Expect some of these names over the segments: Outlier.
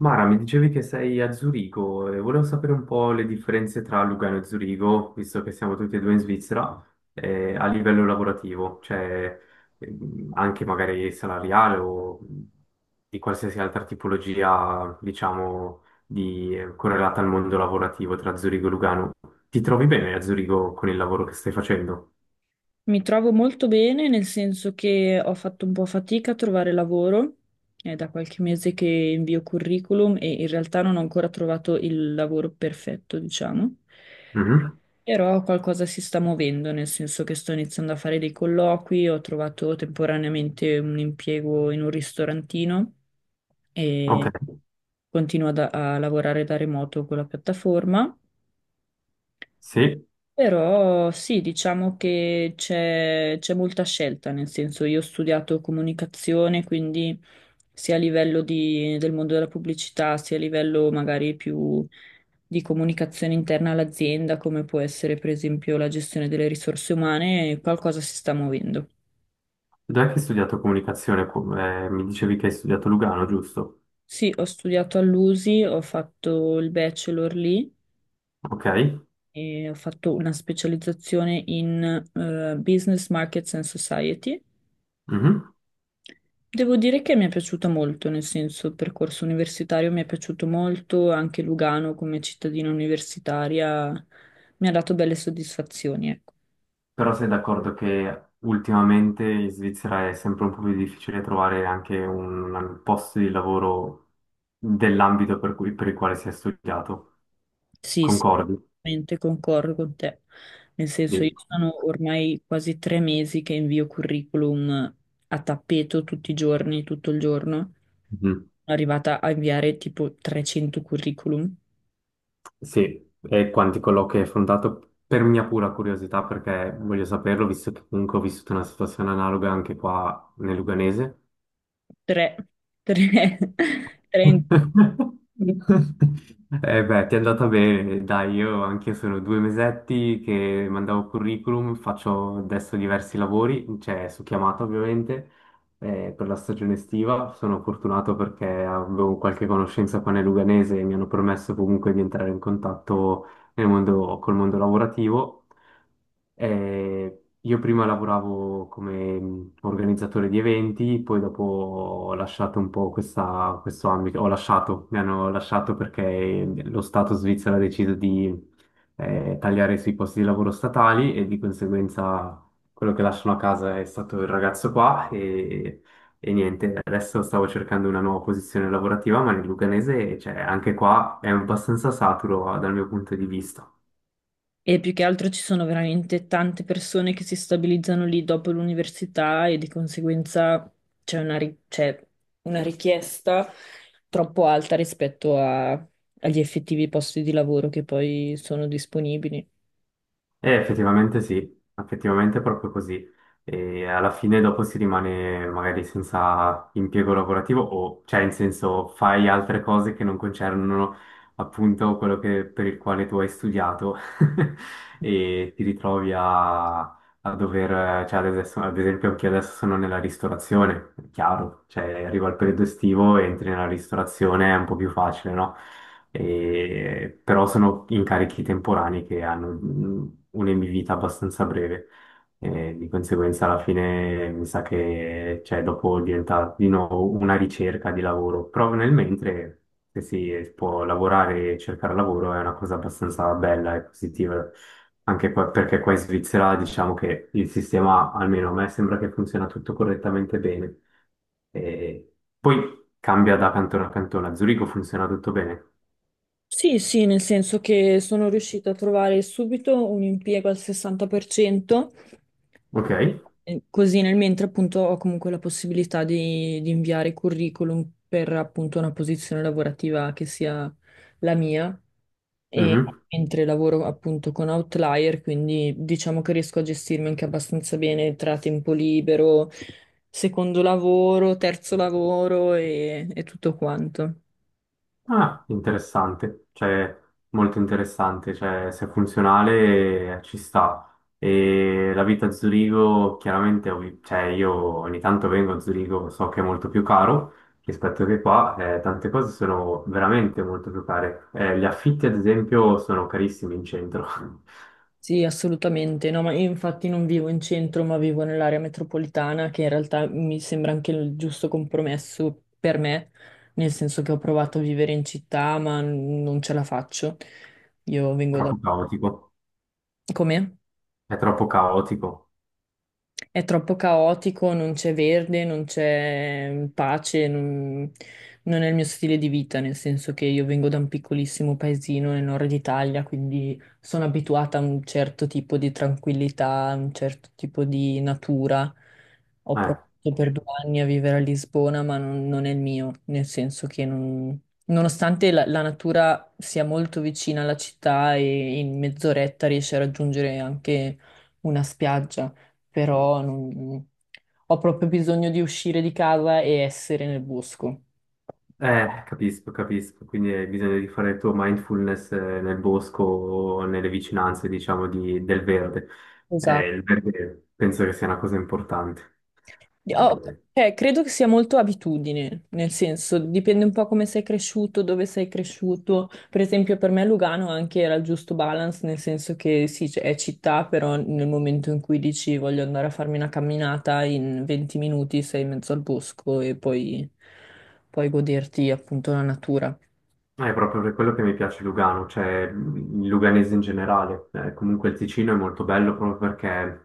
Mara, mi dicevi che sei a Zurigo e volevo sapere un po' le differenze tra Lugano e Zurigo, visto che siamo tutti e due in Svizzera, a livello lavorativo, cioè anche magari salariale o di qualsiasi altra tipologia, diciamo, di, correlata al mondo lavorativo tra Zurigo e Lugano. Ti trovi bene a Zurigo con il lavoro che stai facendo? Mi trovo molto bene, nel senso che ho fatto un po' fatica a trovare lavoro. È da qualche mese che invio curriculum e in realtà non ho ancora trovato il lavoro perfetto, diciamo. Mhm. Però qualcosa si sta muovendo, nel senso che sto iniziando a fare dei colloqui, ho trovato temporaneamente un impiego in un ristorantino e Ok, continuo a lavorare da remoto con la piattaforma. sì. Però sì, diciamo che c'è molta scelta, nel senso io ho studiato comunicazione, quindi sia a livello del mondo della pubblicità, sia a livello magari più di comunicazione interna all'azienda, come può essere per esempio la gestione delle risorse umane, qualcosa si sta muovendo. Dov'è che hai studiato comunicazione? Mi dicevi che hai studiato Lugano, giusto? Sì, ho studiato all'USI, ho fatto il bachelor lì Ok. e ho fatto una specializzazione in Business Markets and Society. Mhm. Devo dire che mi è piaciuta molto, nel senso il percorso universitario mi è piaciuto molto, anche Lugano come cittadina universitaria mi ha dato belle soddisfazioni, ecco. Però sei d'accordo che ultimamente in Svizzera è sempre un po' più difficile trovare anche un posto di lavoro per il quale si è studiato. Sì, sì, Concordi? veramente concordo con te. Nel senso io Sì. sono ormai quasi tre mesi che invio curriculum a tappeto tutti i giorni, tutto il giorno. Sono Mhm. arrivata a inviare tipo 300 curriculum, Sì, e quanti colloqui hai affrontato? Per mia pura curiosità, perché voglio saperlo, visto che comunque ho vissuto una situazione analoga anche qua nel Luganese. tre, tre, tre in Eh beh, ti è andata bene, dai, io anche sono due mesetti che mandavo curriculum, faccio adesso diversi lavori, cioè su chiamata ovviamente, per la stagione estiva. Sono fortunato perché avevo qualche conoscenza qua nel Luganese e mi hanno permesso comunque di entrare in contatto nel mondo, col mondo lavorativo. Io prima lavoravo come organizzatore di eventi, poi dopo ho lasciato un po' questo ambito, ho lasciato, mi hanno lasciato perché mm, lo Stato svizzero ha deciso di tagliare sui posti di lavoro statali e di conseguenza quello che lasciano a casa è stato il ragazzo qua e niente, adesso stavo cercando una nuova posizione lavorativa, ma nel Luganese, cioè, anche qua è abbastanza saturo dal mio punto di vista. E più che altro ci sono veramente tante persone che si stabilizzano lì dopo l'università e di conseguenza c'è una richiesta troppo alta rispetto agli effettivi posti di lavoro che poi sono disponibili. Effettivamente sì, effettivamente è proprio così. E alla fine dopo si rimane magari senza impiego lavorativo o, cioè, in senso, fai altre cose che non concernono appunto per il quale tu hai studiato e ti ritrovi a, a dover, cioè ad esempio anche io adesso sono nella ristorazione, è chiaro, cioè arriva il periodo estivo, entri nella ristorazione, è un po' più facile, no? Però sono incarichi temporanei che hanno mm, un'emivita abbastanza breve. E di conseguenza alla fine mi sa che cioè, dopo diventa di nuovo una ricerca di lavoro, però nel mentre se si può lavorare e cercare lavoro è una cosa abbastanza bella e positiva. Perché qua in Svizzera diciamo che il sistema, almeno a me, sembra che funziona tutto correttamente bene. E poi cambia da cantone a cantone. A Zurigo funziona tutto bene. Sì, sì, nel senso che sono riuscita a trovare subito un impiego al 60%, Ok? Così nel mentre appunto ho comunque la possibilità di inviare curriculum per appunto una posizione lavorativa che sia la mia e Mhm. mentre lavoro appunto con Outlier, quindi diciamo che riesco a gestirmi anche abbastanza bene tra tempo libero, secondo lavoro, terzo lavoro e tutto quanto. Ah, interessante, cioè molto interessante, cioè se è funzionale ci sta. E la vita a Zurigo, chiaramente, cioè io ogni tanto vengo a Zurigo, so che è molto più caro rispetto che qua, tante cose sono veramente molto più care. Gli affitti, ad esempio, sono carissimi in centro, Sì, assolutamente. No, ma io infatti non vivo in centro, ma vivo nell'area metropolitana, che in realtà mi sembra anche il giusto compromesso per me, nel senso che ho provato a vivere in città, ma non ce la faccio. Io vengo da... troppo caotico, Com'è? è troppo caotico. È troppo caotico, non c'è verde, non c'è pace, non è il mio stile di vita, nel senso che io vengo da un piccolissimo paesino nel nord Italia, quindi sono abituata a un certo tipo di tranquillità, a un certo tipo di natura. Ho Eh. provato per due anni a vivere a Lisbona, ma non è il mio, nel senso che nonostante la natura sia molto vicina alla città e in mezz'oretta riesci a raggiungere anche una spiaggia, però ho proprio bisogno di uscire di casa e essere nel bosco. Capisco, capisco, quindi hai bisogno di fare il tuo mindfulness nel bosco o nelle vicinanze, diciamo, del verde. Esatto. Il verde penso che sia una cosa importante. Oh, Eh, cioè, credo che sia molto abitudine, nel senso, dipende un po' come sei cresciuto, dove sei cresciuto. Per esempio, per me Lugano anche era il giusto balance, nel senso che sì, è città, però nel momento in cui dici voglio andare a farmi una camminata, in 20 minuti sei in mezzo al bosco e poi, poi goderti appunto la natura. È proprio per quello che mi piace Lugano, cioè il luganese in generale. Comunque il Ticino è molto bello proprio perché,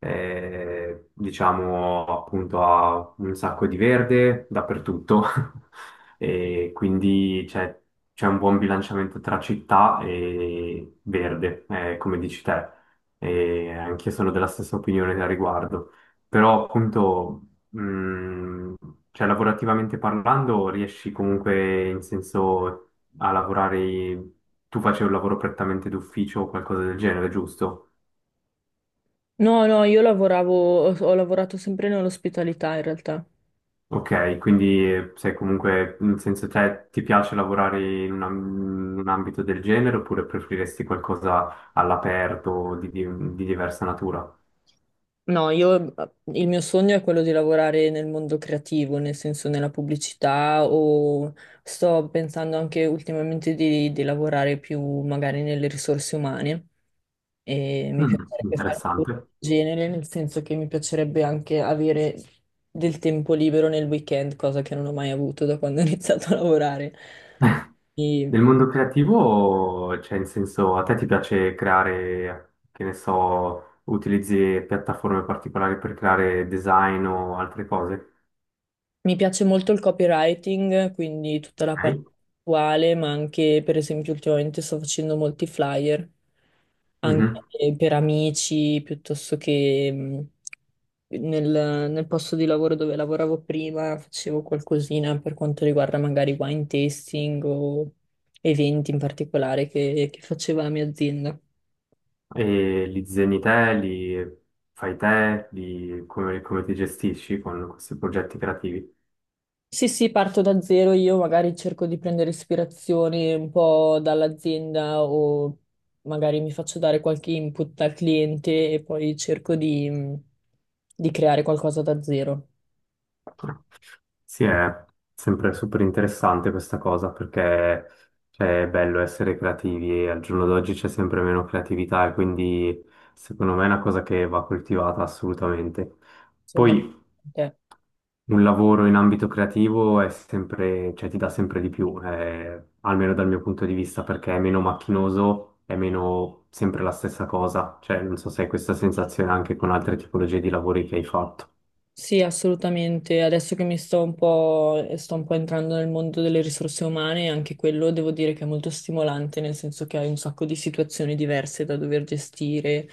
diciamo, appunto ha un sacco di verde dappertutto e quindi c'è un buon bilanciamento tra città e verde, come dici te. E anch'io sono della stessa opinione a riguardo. Però appunto... mh, cioè, lavorativamente parlando, riesci comunque in senso a lavorare, tu facevi un lavoro prettamente d'ufficio o qualcosa del genere, giusto? No, no, io lavoravo, ho lavorato sempre nell'ospitalità in realtà. Ok, quindi sei comunque, nel senso, te ti piace lavorare in in un ambito del genere oppure preferiresti qualcosa all'aperto di, di diversa natura? No, io, il mio sogno è quello di lavorare nel mondo creativo, nel senso nella pubblicità o sto pensando anche ultimamente di lavorare più magari nelle risorse umane e mi Mm, piacerebbe fare un po' interessante. del genere, nel senso che mi piacerebbe anche avere del tempo libero nel weekend, cosa che non ho mai avuto da quando ho iniziato a lavorare. Nel mondo creativo, cioè, in senso, a te ti piace creare, che ne so, utilizzi piattaforme particolari per creare design o altre cose? Mi piace molto il copywriting, quindi tutta la parte attuale, ma anche, per esempio, ultimamente sto facendo molti flyer, anche Ok. per amici, piuttosto che nel posto di lavoro dove lavoravo prima, facevo qualcosina per quanto riguarda magari wine tasting o eventi in particolare che faceva la mia azienda. E li disegni te, li fai te, come, come ti gestisci con questi progetti creativi? Sì, sì, parto da zero, io magari cerco di prendere ispirazione un po' dall'azienda o magari mi faccio dare qualche input dal cliente e poi cerco di creare qualcosa da zero. Sì, è sempre super interessante questa cosa perché cioè, è bello essere creativi e al giorno d'oggi c'è sempre meno creatività e quindi secondo me è una cosa che va coltivata assolutamente. Sono Poi d'accordo con te. un lavoro in ambito creativo è sempre, cioè ti dà sempre di più, almeno dal mio punto di vista, perché è meno macchinoso, è meno sempre la stessa cosa. Cioè, non so se hai questa sensazione anche con altre tipologie di lavori che hai fatto. Sì, assolutamente. Adesso che mi sto un po', e sto un po' entrando nel mondo delle risorse umane, anche quello devo dire che è molto stimolante, nel senso che hai un sacco di situazioni diverse da dover gestire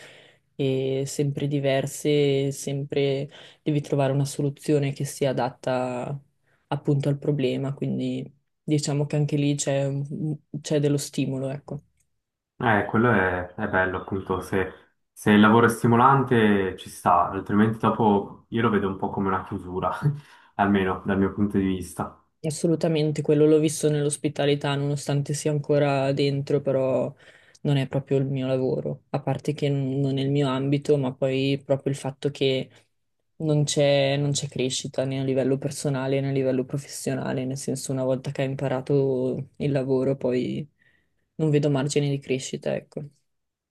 e sempre diverse, e sempre devi trovare una soluzione che sia adatta appunto al problema, quindi diciamo che anche lì c'è dello stimolo, ecco. Quello è bello, appunto, se, se il lavoro è stimolante ci sta, altrimenti dopo io lo vedo un po' come una chiusura, almeno dal mio punto di vista. Assolutamente, quello l'ho visto nell'ospitalità, nonostante sia ancora dentro, però non è proprio il mio lavoro, a parte che non è il mio ambito, ma poi proprio il fatto che non c'è crescita né a livello personale né a livello professionale, nel senso una volta che hai imparato il lavoro poi non vedo margine di crescita, ecco.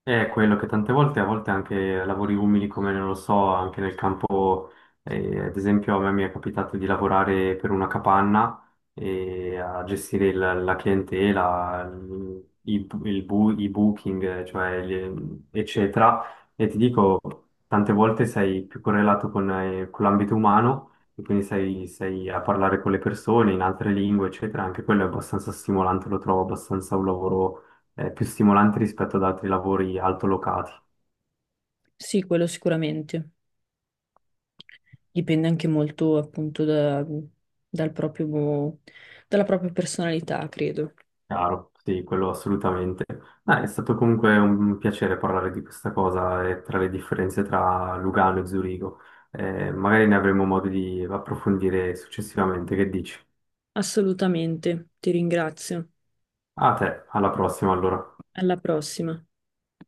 È quello che tante volte, a volte anche lavori umili come non lo so, anche nel campo, ad esempio a me mi è capitato di lavorare per una capanna e a gestire la clientela, il i booking, cioè, gli- eccetera. E ti dico, tante volte sei più correlato con l'ambito umano e quindi sei, sei a parlare con le persone in altre lingue, eccetera. Anche quello è abbastanza stimolante, lo trovo abbastanza un lavoro è più stimolante rispetto ad altri lavori altolocati. Sì, quello sicuramente. Dipende anche molto appunto dal proprio, dalla propria personalità, credo. Chiaro, sì, quello assolutamente. Dai, è stato comunque un piacere parlare di questa cosa e tra le differenze tra Lugano e Zurigo. Magari ne avremo modo di approfondire successivamente. Che dici? Assolutamente, ti ringrazio. A te, alla prossima allora. Alla prossima.